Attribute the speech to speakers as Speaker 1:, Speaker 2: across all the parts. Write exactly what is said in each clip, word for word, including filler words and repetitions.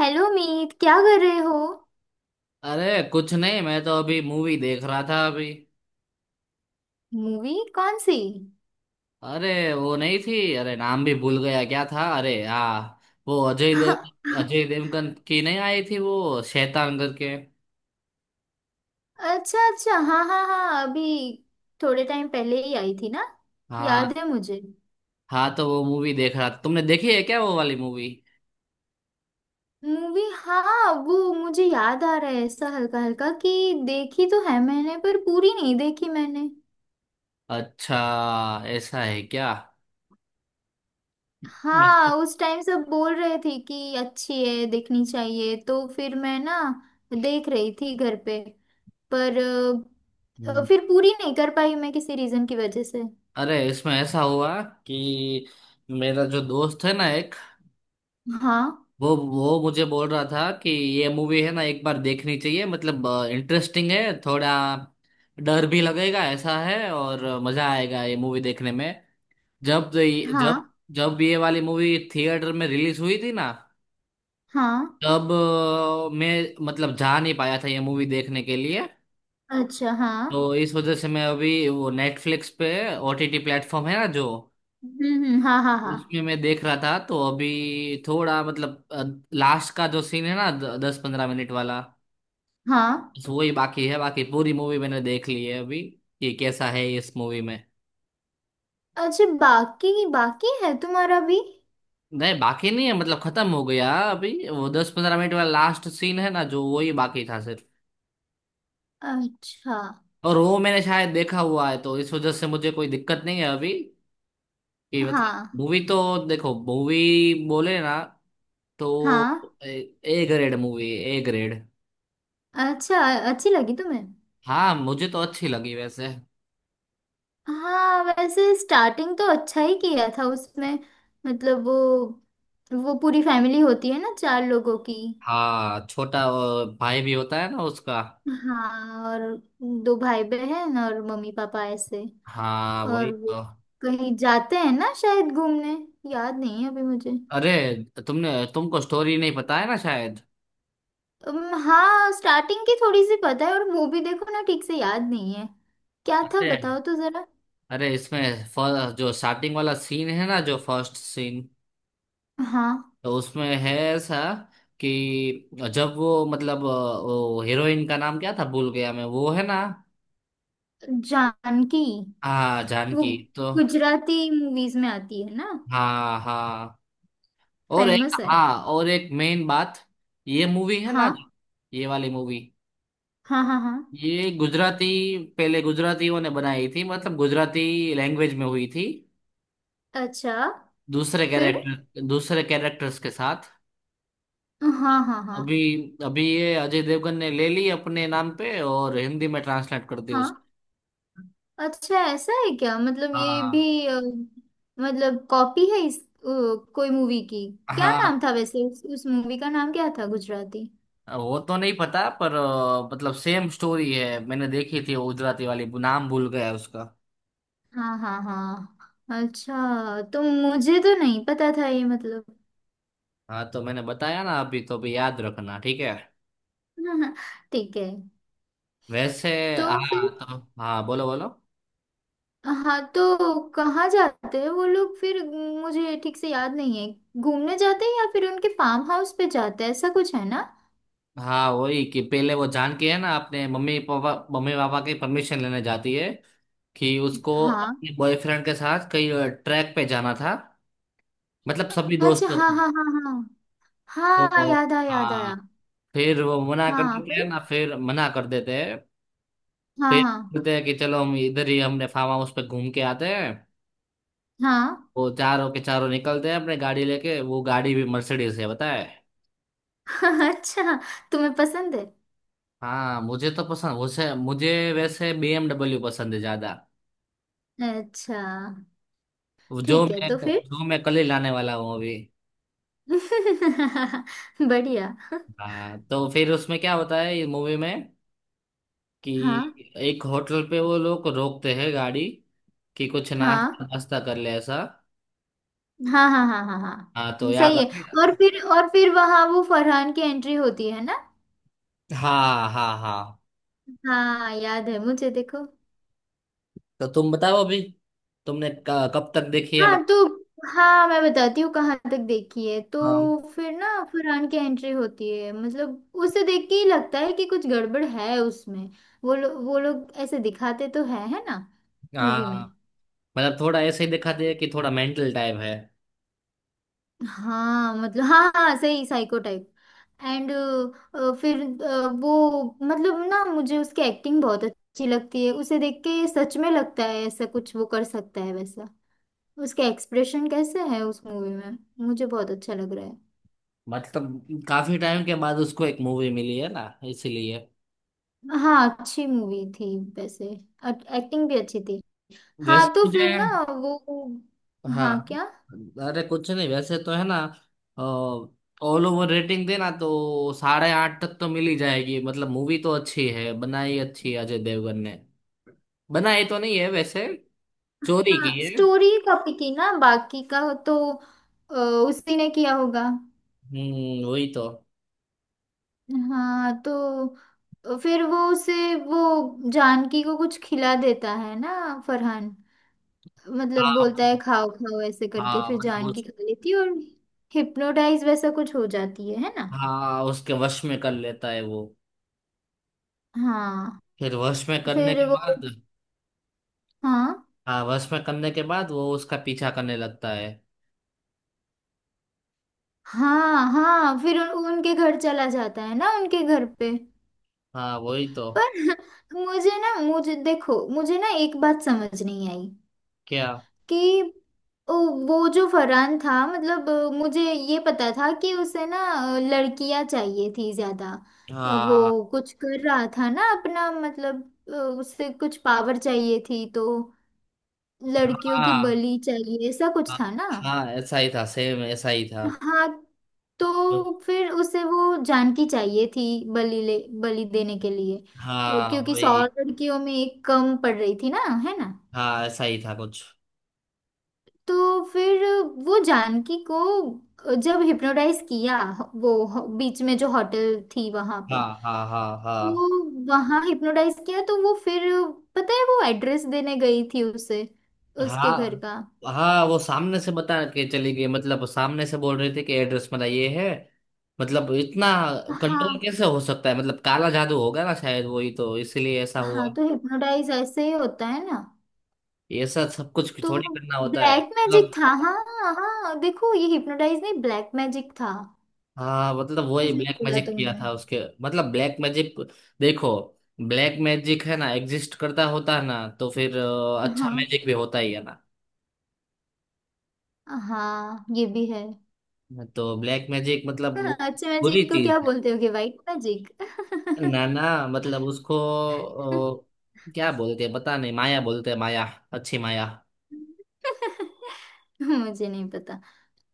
Speaker 1: Hello Meet, क्या कर रहे हो।
Speaker 2: अरे कुछ नहीं। मैं तो अभी मूवी देख रहा था अभी।
Speaker 1: मूवी कौन सी।
Speaker 2: अरे वो नहीं थी। अरे नाम भी भूल गया क्या था। अरे हाँ, वो अजय देव
Speaker 1: अच्छा।
Speaker 2: अजय देवगन की नहीं आई थी वो, शैतान करके।
Speaker 1: अच्छा हाँ हाँ हाँ अभी, थोड़े टाइम पहले ही आई थी ना।
Speaker 2: हाँ।
Speaker 1: याद है मुझे।
Speaker 2: हाँ तो वो मूवी देख रहा था। तुमने देखी है क्या वो वाली मूवी?
Speaker 1: मूवी, हाँ वो मुझे याद आ रहा है ऐसा हल्का हल्का कि देखी तो है मैंने, पर पूरी नहीं देखी मैंने।
Speaker 2: अच्छा। ऐसा है क्या? मतलब
Speaker 1: हाँ उस टाइम सब बोल रहे थे कि अच्छी है देखनी चाहिए, तो फिर मैं ना देख रही थी घर पे। पर अ, अ,
Speaker 2: हम्म,
Speaker 1: फिर पूरी नहीं कर पाई मैं किसी रीजन की वजह से।
Speaker 2: अरे इसमें ऐसा हुआ कि मेरा जो दोस्त है ना एक,
Speaker 1: हाँ
Speaker 2: वो वो मुझे बोल रहा था कि ये मूवी है ना एक बार देखनी चाहिए, मतलब इंटरेस्टिंग है थोड़ा, डर भी लगेगा ऐसा है। और अ, मजा आएगा ये मूवी देखने में। जब ये- जब
Speaker 1: हाँ
Speaker 2: जब ये वाली मूवी थिएटर में रिलीज हुई थी ना,
Speaker 1: हाँ।
Speaker 2: तब अ, मैं मतलब जा नहीं पाया था ये मूवी देखने के लिए।
Speaker 1: अच्छा हाँ।
Speaker 2: तो इस वजह से मैं अभी वो नेटफ्लिक्स पे, ओटीटी प्लेटफॉर्म है ना जो,
Speaker 1: हम्म हम्म, हाँ हाँ हाँ
Speaker 2: उसमें मैं देख रहा था। तो अभी थोड़ा मतलब लास्ट का जो सीन है ना, द, दस पंद्रह मिनट वाला,
Speaker 1: हाँ।
Speaker 2: तो वही बाकी है। बाकी पूरी मूवी मैंने देख ली है अभी कि कैसा है इस मूवी में।
Speaker 1: अच्छा बाकी की बाकी है तुम्हारा भी।
Speaker 2: नहीं बाकी नहीं है। मतलब खत्म हो गया अभी। वो दस पंद्रह मिनट वाला लास्ट सीन है ना जो, वही बाकी था सिर्फ।
Speaker 1: अच्छा
Speaker 2: और वो मैंने शायद देखा हुआ है, तो इस वजह से मुझे कोई दिक्कत नहीं है अभी कि मतलब
Speaker 1: हाँ
Speaker 2: मूवी तो देखो, मूवी बोले ना तो
Speaker 1: हाँ।
Speaker 2: A grade movie. A grade.
Speaker 1: अच्छा अच्छी लगी तुम्हें।
Speaker 2: हाँ, मुझे तो अच्छी लगी वैसे।
Speaker 1: हाँ वैसे स्टार्टिंग तो अच्छा ही किया था उसमें। मतलब वो वो पूरी फैमिली होती है ना चार लोगों की।
Speaker 2: हाँ छोटा अ, भाई भी होता है ना उसका।
Speaker 1: हाँ और दो भाई बहन और मम्मी पापा ऐसे।
Speaker 2: हाँ वही
Speaker 1: और वो
Speaker 2: तो।
Speaker 1: कहीं जाते हैं ना शायद घूमने। याद नहीं है अभी मुझे।
Speaker 2: अरे तुमने तुमको स्टोरी नहीं पता है ना शायद।
Speaker 1: उम, हाँ स्टार्टिंग की थोड़ी सी पता है और मूवी देखो ना ठीक से याद नहीं है क्या था,
Speaker 2: अरे,
Speaker 1: बताओ तो जरा।
Speaker 2: अरे इसमें फ- जो स्टार्टिंग वाला सीन है ना जो फर्स्ट सीन,
Speaker 1: हाँ
Speaker 2: तो उसमें है ऐसा कि जब वो मतलब अ, वो हीरोइन का नाम क्या था भूल गया मैं, वो है ना?
Speaker 1: जानकी।
Speaker 2: हाँ
Speaker 1: वो
Speaker 2: जानकी तो।
Speaker 1: गुजराती मूवीज में आती है ना।
Speaker 2: हाँ हाँ। और एक,
Speaker 1: फेमस है।
Speaker 2: हाँ और एक मेन बात, ये मूवी है ना,
Speaker 1: हाँ
Speaker 2: ये वाली मूवी,
Speaker 1: हाँ हाँ हाँ।
Speaker 2: ये गुजराती पहले गुजरातियों ने बनाई थी, मतलब गुजराती लैंग्वेज में हुई थी,
Speaker 1: अच्छा।
Speaker 2: दूसरे
Speaker 1: फिर
Speaker 2: कैरेक्टर दूसरे कैरेक्टर्स के साथ।
Speaker 1: हाँ हाँ हाँ
Speaker 2: अभी, अभी ये अजय देवगन ने ले ली अपने नाम पे और हिंदी में ट्रांसलेट कर दी
Speaker 1: हाँ।
Speaker 2: उसको।
Speaker 1: अच्छा ऐसा है क्या, मतलब ये
Speaker 2: हाँ।
Speaker 1: भी अ, मतलब कॉपी है इस अ, कोई मूवी की। क्या
Speaker 2: हाँ
Speaker 1: नाम था वैसे उस, उस मूवी का नाम क्या था गुजराती।
Speaker 2: वो तो नहीं पता, पर अ, मतलब सेम स्टोरी है, मैंने देखी थी वो गुजराती वाली, नाम भूल गया उसका।
Speaker 1: हाँ हाँ हाँ अच्छा, तो मुझे तो नहीं पता था ये मतलब।
Speaker 2: हाँ तो मैंने बताया ना अभी, तो अभी याद रखना। ठीक है?
Speaker 1: ठीक है
Speaker 2: वैसे।
Speaker 1: तो फिर।
Speaker 2: हाँ तो, हाँ बोलो बोलो।
Speaker 1: हाँ तो कहाँ जाते हैं वो लोग फिर। मुझे ठीक से याद नहीं है, घूमने जाते हैं या फिर उनके फार्म हाउस पे जाते हैं, ऐसा कुछ है ना।
Speaker 2: हाँ वही कि पहले वो जान के है ना अपने मम्मी पापा, मम्मी पापा की परमिशन लेने जाती है कि उसको
Speaker 1: हाँ।
Speaker 2: अपने बॉयफ्रेंड के साथ कहीं ट्रैक पे जाना था, मतलब सभी
Speaker 1: अच्छा
Speaker 2: दोस्तों
Speaker 1: हाँ
Speaker 2: को।
Speaker 1: हाँ हाँ हाँ। हाँ
Speaker 2: तो
Speaker 1: याद आया याद
Speaker 2: हाँ,
Speaker 1: आया।
Speaker 2: फिर वो मना कर
Speaker 1: हाँ
Speaker 2: देते हैं
Speaker 1: फिर
Speaker 2: ना, फिर मना कर देते हैं।
Speaker 1: हाँ
Speaker 2: फिर
Speaker 1: हाँ।
Speaker 2: बोलते हैं कि चलो हम इधर ही, हमने फार्म हाउस पे घूम के आते हैं।
Speaker 1: हाँ
Speaker 2: वो चारों के चारों निकलते हैं अपने गाड़ी लेके। वो गाड़ी भी मर्सिडीज है बताए।
Speaker 1: अच्छा। तुम्हें पसंद है।
Speaker 2: हाँ मुझे तो पसंद। मुझे मुझे वैसे बीएमडब्ल्यू पसंद है ज्यादा,
Speaker 1: अच्छा
Speaker 2: जो
Speaker 1: ठीक है
Speaker 2: मैं
Speaker 1: तो फिर।
Speaker 2: जो मैं कल ही लाने वाला हूँ अभी।
Speaker 1: बढ़िया।
Speaker 2: हाँ तो फिर उसमें क्या होता है ये मूवी में
Speaker 1: हाँ
Speaker 2: कि एक होटल पे वो लोग रोकते हैं गाड़ी कि कुछ नाश्ता
Speaker 1: हाँ
Speaker 2: नाश्ता कर ले ऐसा।
Speaker 1: हाँ हाँ हाँ हाँ
Speaker 2: हाँ तो
Speaker 1: हाँ
Speaker 2: याद
Speaker 1: सही
Speaker 2: आ
Speaker 1: है।
Speaker 2: गया।
Speaker 1: और फिर, और फिर वहां वो फरहान की एंट्री होती है ना।
Speaker 2: हाँ हाँ हाँ।
Speaker 1: हाँ याद है मुझे, देखो।
Speaker 2: तो तुम बताओ अभी, तुमने क- कब तक देखी है
Speaker 1: हाँ
Speaker 2: मतलब?
Speaker 1: तो हाँ मैं बताती हूँ कहाँ तक देखी है। तो
Speaker 2: हाँ
Speaker 1: फिर ना फरहान की एंट्री होती है, मतलब उसे देख के ही लगता है कि कुछ गड़बड़ है उसमें। वो लो, वो लोग ऐसे दिखाते तो है है ना मूवी में।
Speaker 2: हाँ, मतलब थोड़ा ऐसे ही दिखा दे कि थोड़ा मेंटल टाइप है।
Speaker 1: हाँ मतलब हाँ हाँ सही, साइको टाइप। एंड फिर अ, वो, मतलब ना मुझे उसकी एक्टिंग बहुत अच्छी लगती है, उसे देख के सच में लगता है ऐसा कुछ वो कर सकता है वैसा। उसके एक्सप्रेशन कैसे है उस मूवी में, मुझे बहुत अच्छा लग रहा है।
Speaker 2: मतलब काफी टाइम के बाद उसको एक मूवी मिली है ना, इसीलिए।
Speaker 1: हाँ अच्छी मूवी थी वैसे। एक्टिंग भी अच्छी थी। हाँ
Speaker 2: वैसे
Speaker 1: तो
Speaker 2: मुझे।
Speaker 1: फिर ना वो।
Speaker 2: हाँ,
Speaker 1: हाँ क्या।
Speaker 2: अरे कुछ नहीं वैसे तो है ना, ऑल ओवर रेटिंग देना तो साढ़े आठ तक तो मिल ही जाएगी। मतलब मूवी तो अच्छी है, बनाई अच्छी है अजय देवगन ने। बनाई तो नहीं है वैसे, चोरी की
Speaker 1: हाँ
Speaker 2: है।
Speaker 1: स्टोरी कॉपी की ना बाकी का। तो अ, उसी ने किया होगा।
Speaker 2: हम्म वही तो।
Speaker 1: हाँ तो तो फिर वो उसे, वो जानकी को कुछ खिला देता है ना फरहान। मतलब बोलता है
Speaker 2: हाँ
Speaker 1: खाओ खाओ ऐसे करके,
Speaker 2: हाँ,
Speaker 1: फिर
Speaker 2: मतलब
Speaker 1: जानकी
Speaker 2: उस।
Speaker 1: खा लेती है और हिप्नोटाइज वैसा कुछ हो जाती है है ना।
Speaker 2: हाँ उसके वश में कर लेता है वो।
Speaker 1: हाँ
Speaker 2: फिर वश में करने
Speaker 1: फिर
Speaker 2: के
Speaker 1: वो।
Speaker 2: बाद,
Speaker 1: हाँ
Speaker 2: हाँ वश में करने के बाद वो उसका पीछा करने लगता है।
Speaker 1: हाँ हाँ फिर उन, उनके घर चला जाता है ना, उनके घर पे।
Speaker 2: हाँ वही तो।
Speaker 1: पर मुझे ना, मुझे देखो, मुझे ना एक बात समझ नहीं आई
Speaker 2: क्या?
Speaker 1: कि ओ, वो जो फरहान था, मतलब अ, मुझे ये पता था कि उसे ना अ, लड़कियां चाहिए थी ज्यादा। अ,
Speaker 2: हाँ
Speaker 1: वो कुछ कर रहा था ना अपना, मतलब अ, उसे कुछ पावर चाहिए थी तो लड़कियों की
Speaker 2: हाँ
Speaker 1: बलि चाहिए, ऐसा कुछ
Speaker 2: हाँ
Speaker 1: था ना।
Speaker 2: हाँ, ऐसा ही था, सेम ऐसा ही था।
Speaker 1: हाँ तो फिर उसे वो जानकी चाहिए थी बलि ले, बलि देने के लिए। अ,
Speaker 2: हाँ
Speaker 1: क्योंकि सौ
Speaker 2: वही।
Speaker 1: लड़कियों में एक कम पड़ रही थी ना, है ना।
Speaker 2: हाँ ऐसा ही था कुछ।
Speaker 1: तो फिर वो जानकी को जब हिप्नोटाइज किया, वो ह- बीच में जो होटल थी वहां
Speaker 2: हाँ
Speaker 1: पे,
Speaker 2: हाँ हाँ
Speaker 1: वो
Speaker 2: हाँ
Speaker 1: वहां हिप्नोटाइज किया, तो वो फिर, पता है वो एड्रेस देने गई थी उसे, उसके घर
Speaker 2: हाँ।
Speaker 1: का।
Speaker 2: हाँ वो सामने से बता के चली गई, मतलब सामने से बोल रहे थे कि एड्रेस मेरा ये है। मतलब इतना कंट्रोल
Speaker 1: हाँ
Speaker 2: कैसे हो सकता है? मतलब काला जादू होगा ना शायद, वही तो, इसीलिए ऐसा
Speaker 1: हाँ
Speaker 2: हुआ।
Speaker 1: तो हिप्नोटाइज ऐसे ही होता है ना।
Speaker 2: ये सब सब कुछ
Speaker 1: तो
Speaker 2: थोड़ी करना होता है
Speaker 1: ब्लैक मैजिक
Speaker 2: मतलब।
Speaker 1: था, हाँ। हाँ देखो ये हिप्नोटाइज नहीं ब्लैक मैजिक था।
Speaker 2: हाँ मतलब वही
Speaker 1: सही
Speaker 2: ब्लैक
Speaker 1: बोला
Speaker 2: मैजिक किया
Speaker 1: तुमने।
Speaker 2: था उसके, मतलब ब्लैक मैजिक। देखो ब्लैक मैजिक है ना, एग्जिस्ट करता होता है ना, तो फिर अ, अच्छा
Speaker 1: हाँ
Speaker 2: मैजिक भी होता ही है ना।
Speaker 1: हाँ, ये भी है।
Speaker 2: तो ब्लैक मैजिक मतलब वो
Speaker 1: हाँ, अच्छे
Speaker 2: बुरी
Speaker 1: मैजिक को क्या
Speaker 2: चीज
Speaker 1: बोलते होगे, वाइट मैजिक।
Speaker 2: है ना ना, मतलब उसको अ, क्या बोलते हैं पता नहीं, माया बोलते हैं, माया। अच्छी माया।
Speaker 1: मुझे नहीं पता।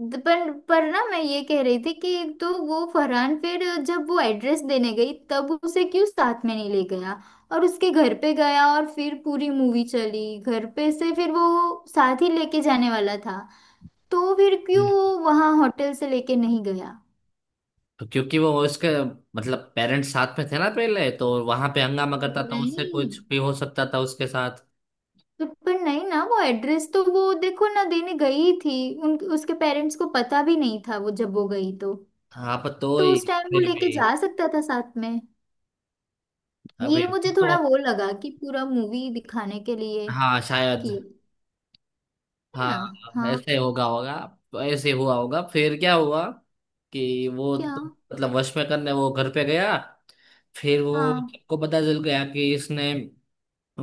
Speaker 1: द- पर पर ना मैं ये कह रही थी कि, तो वो फरहान फिर जब वो एड्रेस देने गई तब उसे क्यों साथ में नहीं ले गया, और उसके घर पे गया और फिर पूरी मूवी चली घर पे से, फिर वो साथ ही लेके जाने वाला था तो फिर क्यों
Speaker 2: हम्म।
Speaker 1: वो वहां होटल से लेके नहीं गया।
Speaker 2: तो क्योंकि वो उसके मतलब पेरेंट्स साथ में थे ना, पहले तो वहां पे हंगामा करता था, उससे
Speaker 1: नहीं
Speaker 2: कुछ भी हो सकता था उसके साथ।
Speaker 1: तो, पर नहीं ना, वो एड्रेस तो वो देखो ना देने गई थी, उन उसके पेरेंट्स को पता भी नहीं था वो जब वो गई तो।
Speaker 2: हाँ पर तो
Speaker 1: तो
Speaker 2: ही।
Speaker 1: उस टाइम वो
Speaker 2: फिर
Speaker 1: लेके
Speaker 2: भी
Speaker 1: जा सकता था साथ में।
Speaker 2: अबे
Speaker 1: ये मुझे
Speaker 2: वो तो।
Speaker 1: थोड़ा वो लगा कि पूरा मूवी दिखाने के लिए
Speaker 2: हाँ शायद।
Speaker 1: किया। है
Speaker 2: हाँ
Speaker 1: ना। हाँ
Speaker 2: ऐसे होगा होगा। तो ऐसे हुआ होगा। फिर क्या हुआ कि वो
Speaker 1: क्या।
Speaker 2: तो, मतलब वश में करने वो घर पे गया। फिर वो
Speaker 1: हाँ
Speaker 2: सबको पता चल गया कि इसने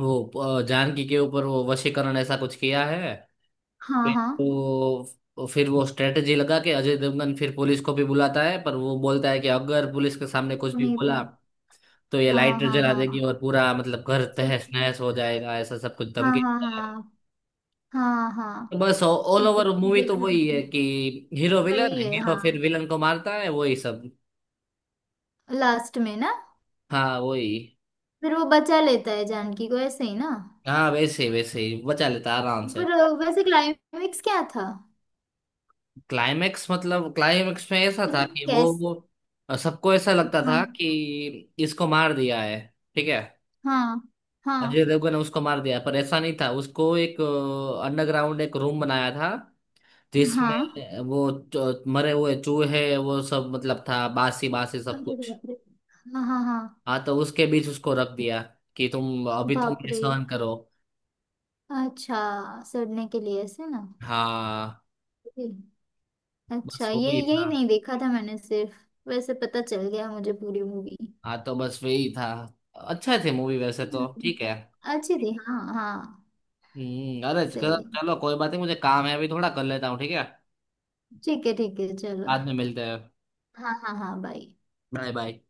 Speaker 2: वो अ, जानकी के ऊपर वो वशीकरण ऐसा कुछ किया है।
Speaker 1: हाँ
Speaker 2: फिर
Speaker 1: हाँ।
Speaker 2: वो फिर वो स्ट्रेटजी लगा के अजय देवगन फिर पुलिस को भी बुलाता है। पर वो बोलता है कि अगर पुलिस के सामने कुछ
Speaker 1: हो
Speaker 2: भी
Speaker 1: नहीं
Speaker 2: बोला
Speaker 1: पा।
Speaker 2: तो ये
Speaker 1: हाँ
Speaker 2: लाइटर
Speaker 1: हाँ
Speaker 2: जला देगी
Speaker 1: हाँ।
Speaker 2: और पूरा मतलब घर
Speaker 1: सर-
Speaker 2: तहस नहस हो जाएगा, ऐसा सब कुछ
Speaker 1: हाँ
Speaker 2: धमकी
Speaker 1: हाँ
Speaker 2: देता है।
Speaker 1: हाँ हाँ
Speaker 2: तो
Speaker 1: हाँ।
Speaker 2: बस ऑल
Speaker 1: अब
Speaker 2: ओवर मूवी तो
Speaker 1: देखा
Speaker 2: वही है
Speaker 1: था।
Speaker 2: कि हीरो विलन,
Speaker 1: वही है
Speaker 2: हीरो फिर
Speaker 1: हाँ।
Speaker 2: विलन को मारता है, वही सब।
Speaker 1: लास्ट में ना
Speaker 2: हाँ वही।
Speaker 1: फिर वो बचा लेता है जानकी को ऐसे ही ना।
Speaker 2: हाँ वैसे ही, वैसे ही बचा लेता है आराम से।
Speaker 1: पर अ, वैसे क्लाइमेक्स क्या था।
Speaker 2: क्लाइमेक्स मतलब क्लाइमेक्स में ऐसा था
Speaker 1: मतलब
Speaker 2: कि वो
Speaker 1: कैस
Speaker 2: वो सबको ऐसा लगता
Speaker 1: हाँ
Speaker 2: था कि इसको मार दिया है। ठीक है,
Speaker 1: हाँ
Speaker 2: अजय
Speaker 1: हाँ
Speaker 2: देवगन ने उसको मार दिया, पर ऐसा नहीं था। उसको एक अंडरग्राउंड एक रूम बनाया था
Speaker 1: हाँ।
Speaker 2: जिसमें वो जो मरे हुए चूहे वो सब मतलब था, बासी बासी सब
Speaker 1: अरे तो
Speaker 2: कुछ।
Speaker 1: बाप रे। हाँ हाँ हाँ
Speaker 2: हाँ तो उसके बीच उसको रख दिया कि तुम अभी तुम
Speaker 1: बाप
Speaker 2: ये
Speaker 1: रे।
Speaker 2: सहन करो।
Speaker 1: अच्छा सड़ने के लिए ऐसे ना।
Speaker 2: हाँ
Speaker 1: जी। अच्छा
Speaker 2: बस
Speaker 1: ये
Speaker 2: वही
Speaker 1: यही
Speaker 2: था।
Speaker 1: नहीं देखा था मैंने सिर्फ। वैसे पता चल गया मुझे पूरी मूवी।
Speaker 2: हाँ तो बस वही था। अच्छा थे मूवी वैसे तो
Speaker 1: हम्म,
Speaker 2: ठीक है।
Speaker 1: अच्छी थी हाँ हाँ।
Speaker 2: हम्म अरे चलो
Speaker 1: सही है।
Speaker 2: चलो, कोई बात नहीं, मुझे काम है अभी थोड़ा कर लेता हूँ। ठीक है?
Speaker 1: ठीक है ठीक है चलो।
Speaker 2: बाद में मिलते हैं।
Speaker 1: हाँ हाँ हाँ बाय।
Speaker 2: Bye bye.